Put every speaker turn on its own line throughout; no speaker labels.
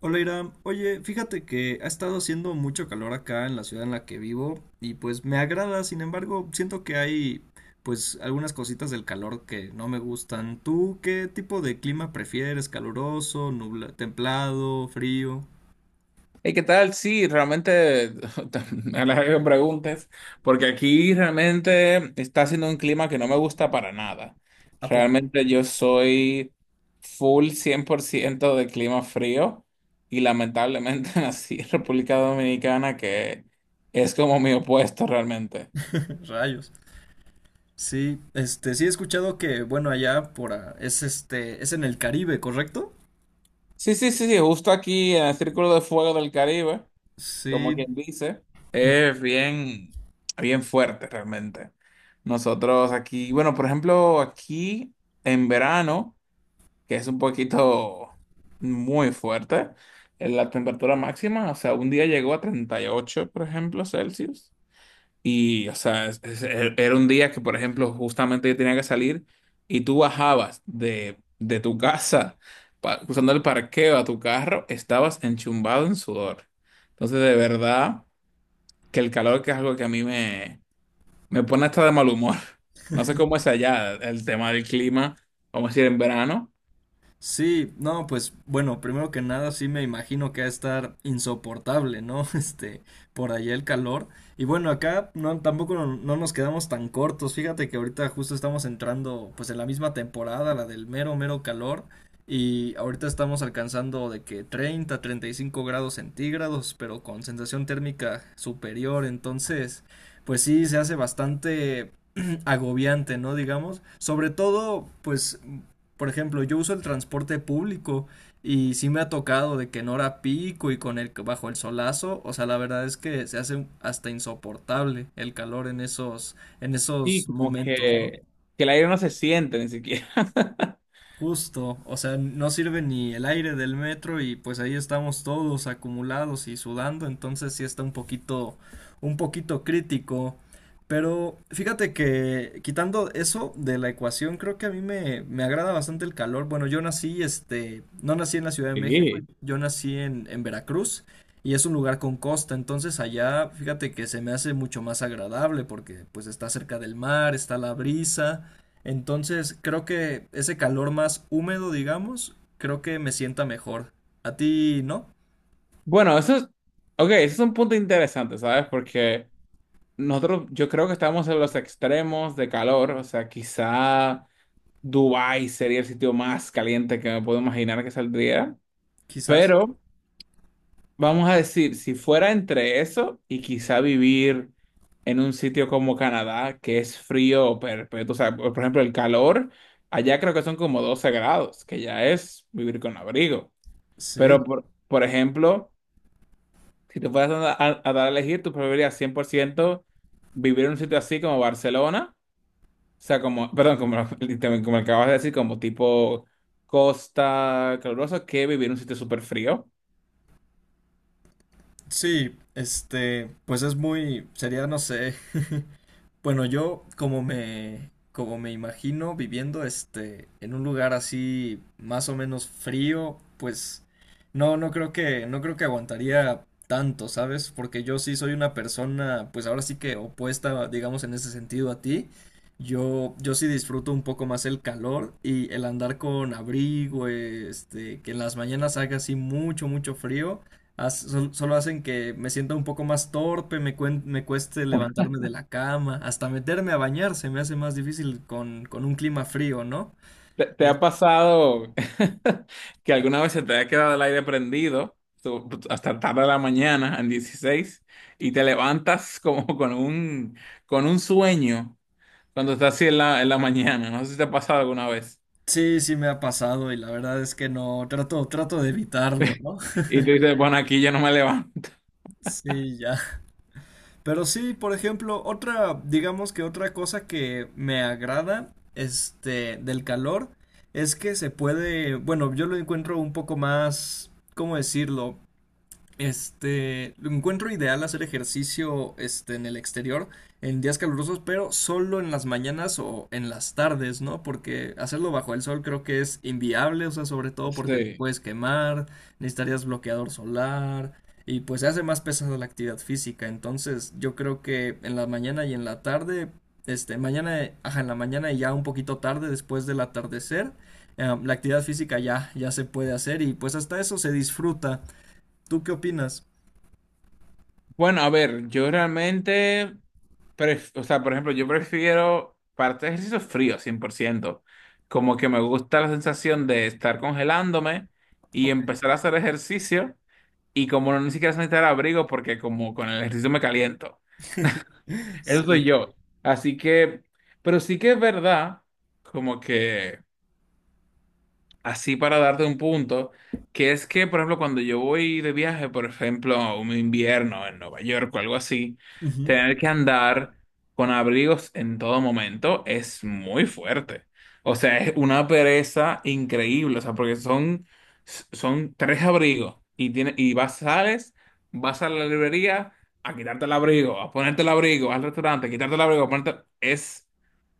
Hola Iram, oye, fíjate que ha estado haciendo mucho calor acá en la ciudad en la que vivo y pues me agrada, sin embargo, siento que hay pues algunas cositas del calor que no me gustan. ¿Tú qué tipo de clima prefieres? ¿Caluroso, templado, frío?
Hey, ¿qué tal? Sí, realmente a la que me preguntes, porque aquí realmente está haciendo un clima que no me gusta para nada.
¿A poco?
Realmente yo soy full 100% de clima frío y lamentablemente nací en República Dominicana, que es como mi opuesto realmente.
Rayos. Sí, sí he escuchado que, bueno, allá por es en el Caribe, ¿correcto?
Sí, sí, sí, sí, justo aquí en el Círculo de Fuego del Caribe. Como
Sí,
quien dice, es bien, bien fuerte realmente. Nosotros aquí, bueno, por ejemplo, aquí en verano, que es un poquito muy fuerte, en la temperatura máxima, o sea, un día llegó a 38, por ejemplo, Celsius. Y, o sea, era un día que, por ejemplo, justamente yo tenía que salir y tú bajabas de tu casa, cruzando el parqueo a tu carro, estabas enchumbado en sudor. Entonces, de verdad que el calor, que es algo que a mí me pone hasta de mal humor. No sé cómo es allá el tema del clima, vamos a decir en verano,
sí, no, pues bueno, primero que nada sí me imagino que va a estar insoportable, ¿no? Por allá el calor. Y bueno, acá no, tampoco no nos quedamos tan cortos. Fíjate que ahorita justo estamos entrando pues en la misma temporada, la del mero, mero calor. Y ahorita estamos alcanzando de que 30, 35 grados centígrados, pero con sensación térmica superior. Entonces, pues sí, se hace bastante agobiante, ¿no? Digamos. Sobre todo, pues por ejemplo, yo uso el transporte público y sí me ha tocado de que en hora pico y con el bajo el solazo, o sea, la verdad es que se hace hasta insoportable el calor en esos en
sí
esos
como
momentos, ¿no?
que el aire no se siente ni siquiera.
Justo, o sea, no sirve ni el aire del metro y pues ahí estamos todos acumulados y sudando, entonces sí está un poquito crítico. Pero fíjate que quitando eso de la ecuación, creo que a mí me agrada bastante el calor. Bueno, yo no nací en la Ciudad de México,
Sí.
yo nací en Veracruz y es un lugar con costa, entonces allá fíjate que se me hace mucho más agradable porque pues está cerca del mar, está la brisa. Entonces, creo que ese calor más húmedo, digamos, creo que me sienta mejor. ¿A ti no?
Bueno, eso es, ok, eso es un punto interesante, ¿sabes? Porque nosotros, yo creo que estamos en los extremos de calor, o sea, quizá Dubái sería el sitio más caliente que me puedo imaginar que saldría,
Quizás.
pero vamos a decir, si fuera entre eso y quizá vivir en un sitio como Canadá, que es frío perpetuo, o sea, por ejemplo, el calor, allá creo que son como 12 grados, que ya es vivir con abrigo.
Sí.
Pero, por ejemplo, si te fueras a dar a elegir, tú preferirías 100% vivir en un sitio así como Barcelona, o sea, como, perdón, como, literalmente, como acabas de decir, como tipo costa calurosa, que vivir en un sitio súper frío.
Sí, pues sería, no sé, Bueno, yo como me imagino viviendo en un lugar así más o menos frío, pues no, no creo que aguantaría tanto, ¿sabes? Porque yo sí soy una persona, pues ahora sí que opuesta, digamos, en ese sentido a ti. Yo sí disfruto un poco más el calor y el andar con abrigo, que en las mañanas haga así mucho, mucho frío. Solo hacen que me sienta un poco más torpe, me cueste levantarme de la cama, hasta meterme a bañar se me hace más difícil con un clima frío, ¿no?
¿Te
Es-
ha pasado que alguna vez se te ha quedado el aire prendido pues, hasta tarde de la mañana, en 16, y te levantas como con un, sueño cuando estás así en la mañana? No sé si te ha pasado alguna vez.
Sí, sí me ha pasado y la verdad es que no, trato de evitarlo, ¿no?
Y tú dices, bueno, aquí yo no me levanto.
Sí, ya. Pero sí, por ejemplo, otra, digamos que otra cosa que me agrada, del calor, es que se puede, bueno, yo lo encuentro un poco más, ¿cómo decirlo? Lo encuentro ideal hacer ejercicio en el exterior en días calurosos, pero solo en las mañanas o en las tardes, ¿no? Porque hacerlo bajo el sol creo que es inviable, o sea, sobre todo porque te
Sí.
puedes quemar, necesitarías bloqueador solar y pues se hace más pesada la actividad física. Entonces, yo creo que en la mañana y en la tarde, ajá, en la mañana y ya un poquito tarde después del atardecer, la actividad física ya se puede hacer y pues hasta eso se disfruta. ¿Tú qué opinas?
Bueno, a ver, yo realmente, o sea, por ejemplo, yo prefiero para hacer ejercicio frío, 100%. Como que me gusta la sensación de estar congelándome y
Ok.
empezar a hacer ejercicio y como no ni siquiera necesitar abrigo porque como con el ejercicio me caliento. Eso soy
Sí.
yo. Así que, pero sí que es verdad, como que así para darte un punto, que es que, por ejemplo, cuando yo voy de viaje, por ejemplo, a un invierno en Nueva York o algo así,
Ujú.
tener que andar con abrigos en todo momento es muy fuerte. O sea, es una pereza increíble, o sea, porque son tres abrigos y, tiene, y vas, sales, vas a la librería a quitarte el abrigo, a ponerte el abrigo, al restaurante, a quitarte el abrigo, a ponerte... Es,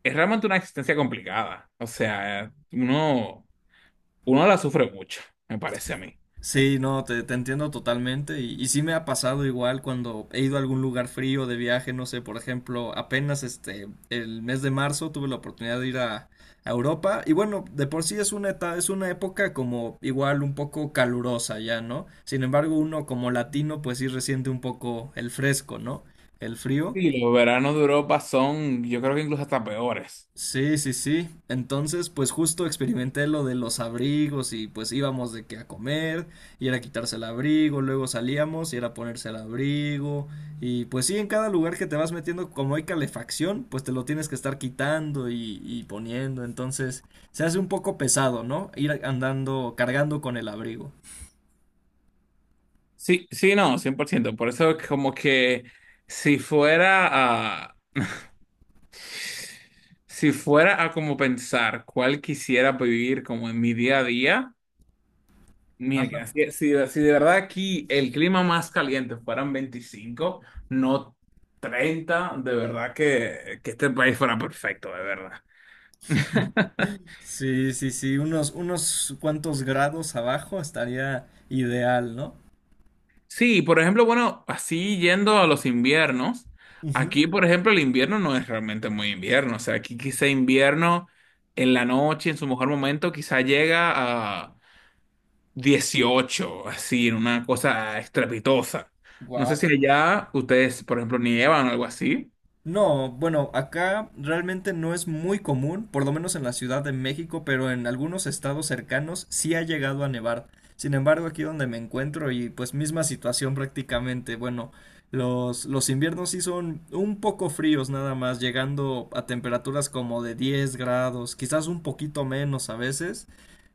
es realmente una existencia complicada. O sea, uno la sufre mucho, me parece a mí.
Sí, no, te entiendo totalmente y sí me ha pasado igual cuando he ido a algún lugar frío de viaje, no sé, por ejemplo, apenas el mes de marzo tuve la oportunidad de ir a Europa y bueno, de por sí es una época como igual un poco calurosa ya, ¿no? Sin embargo, uno como latino pues sí resiente un poco el fresco, ¿no? El frío.
Y los veranos de Europa son, yo creo que incluso hasta peores.
Sí, sí, sí. Entonces, pues justo experimenté lo de los abrigos y pues íbamos de que a comer y era quitarse el abrigo, luego salíamos y era ponerse el abrigo y pues sí, en cada lugar que te vas metiendo, como hay calefacción, pues te lo tienes que estar quitando y poniendo, entonces se hace un poco pesado, ¿no? Ir andando, cargando con el abrigo.
Sí, sí, no, cien por ciento, por eso es que como que si fuera a... Si fuera a como pensar cuál quisiera vivir como en mi día a día,
Ajá.
mira, si de verdad aquí el clima más caliente fueran 25, no 30, de verdad que este país fuera perfecto, de verdad.
Sí, sí, sí, unos cuantos grados abajo estaría ideal, ¿no?
Sí, por ejemplo, bueno, así yendo a los inviernos, aquí, por ejemplo, el invierno no es realmente muy invierno, o sea, aquí quizá invierno en la noche, en su mejor momento, quizá llega a 18, así, en una cosa estrepitosa. No sé si
Wow.
allá ustedes, por ejemplo, nievan o algo así.
No, bueno, acá realmente no es muy común, por lo menos en la Ciudad de México, pero en algunos estados cercanos sí ha llegado a nevar. Sin embargo, aquí donde me encuentro y pues misma situación prácticamente, bueno, los inviernos sí son un poco fríos nada más, llegando a temperaturas como de 10 grados, quizás un poquito menos a veces,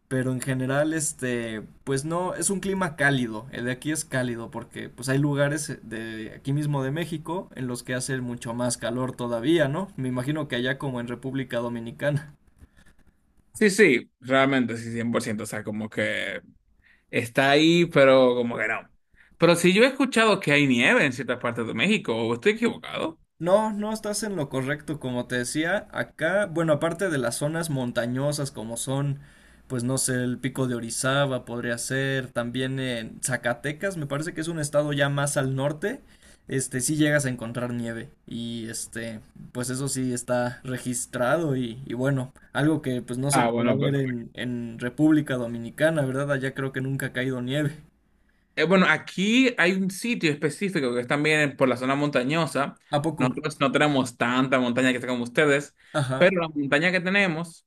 pero en general, pues no, es un clima cálido. El de aquí es cálido porque pues hay lugares de aquí mismo de México en los que hace mucho más calor todavía, ¿no? Me imagino que allá como en República Dominicana.
Sí, sí, realmente, sí, 100%, o sea, como que está ahí, pero como que no. Pero si yo he escuchado que hay nieve en ciertas partes de México, ¿o estoy equivocado?
No, no estás en lo correcto, como te decía, acá, bueno, aparte de las zonas montañosas como son, pues no sé, el Pico de Orizaba podría ser, también en Zacatecas, me parece que es un estado ya más al norte, sí llegas a encontrar nieve y pues eso sí está registrado y bueno, algo que pues no se
Ah,
podrá
bueno,
ver en República Dominicana, ¿verdad? Allá creo que nunca ha caído nieve.
Bueno, aquí hay un sitio específico que es también por la zona montañosa.
¿A poco?
Nosotros no tenemos tanta montaña que está como ustedes,
Ajá,
pero la montaña que tenemos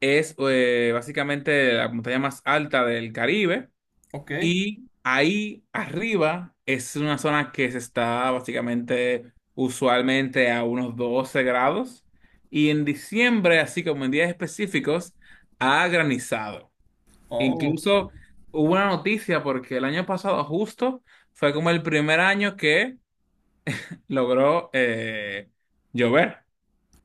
es básicamente la montaña más alta del Caribe
ok.
y ahí arriba es una zona que se está básicamente usualmente a unos 12 grados y en diciembre, así como en días específicos, ha granizado.
Oh.
Incluso hubo una noticia porque el año pasado justo fue como el primer año que logró llover.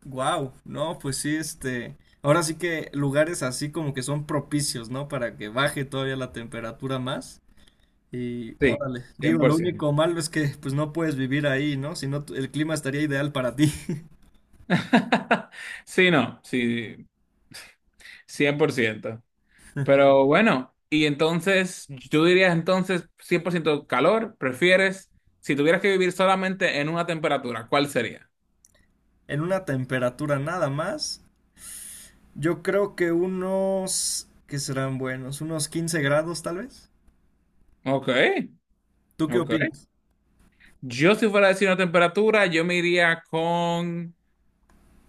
Wow, no, pues sí, ahora sí que lugares así como que son propicios, ¿no? Para que baje todavía la temperatura más. Y
Sí,
órale,
cien
digo,
por
lo único
ciento.
malo es que pues no puedes vivir ahí, ¿no? Si no, el clima estaría ideal para ti.
Sí, no, sí, 100%. Pero bueno, y entonces, yo diría entonces 100% calor, prefieres, si tuvieras que vivir solamente en una temperatura, ¿cuál sería?
En una temperatura nada más, yo creo que unos, ¿qué serán buenos? Unos 15 grados tal vez.
Ok,
¿Tú qué
ok.
opinas?
Yo si fuera a decir una temperatura, yo me iría con...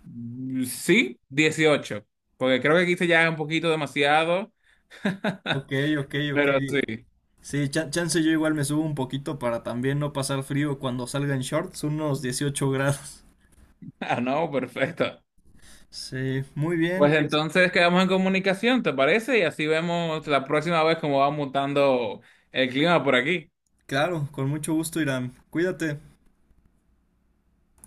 Sí, 18, porque creo que aquí se ya un poquito demasiado,
Ok, ok, ok.
pero sí.
Sí, chance yo igual me subo un poquito para también no pasar frío cuando salga en shorts, unos 18 grados.
Ah, no, perfecto.
Sí, muy bien,
Pues
pues
entonces quedamos en comunicación, ¿te parece? Y así vemos la próxima vez cómo va mutando el clima por aquí.
claro, con mucho gusto, Irán. Cuídate.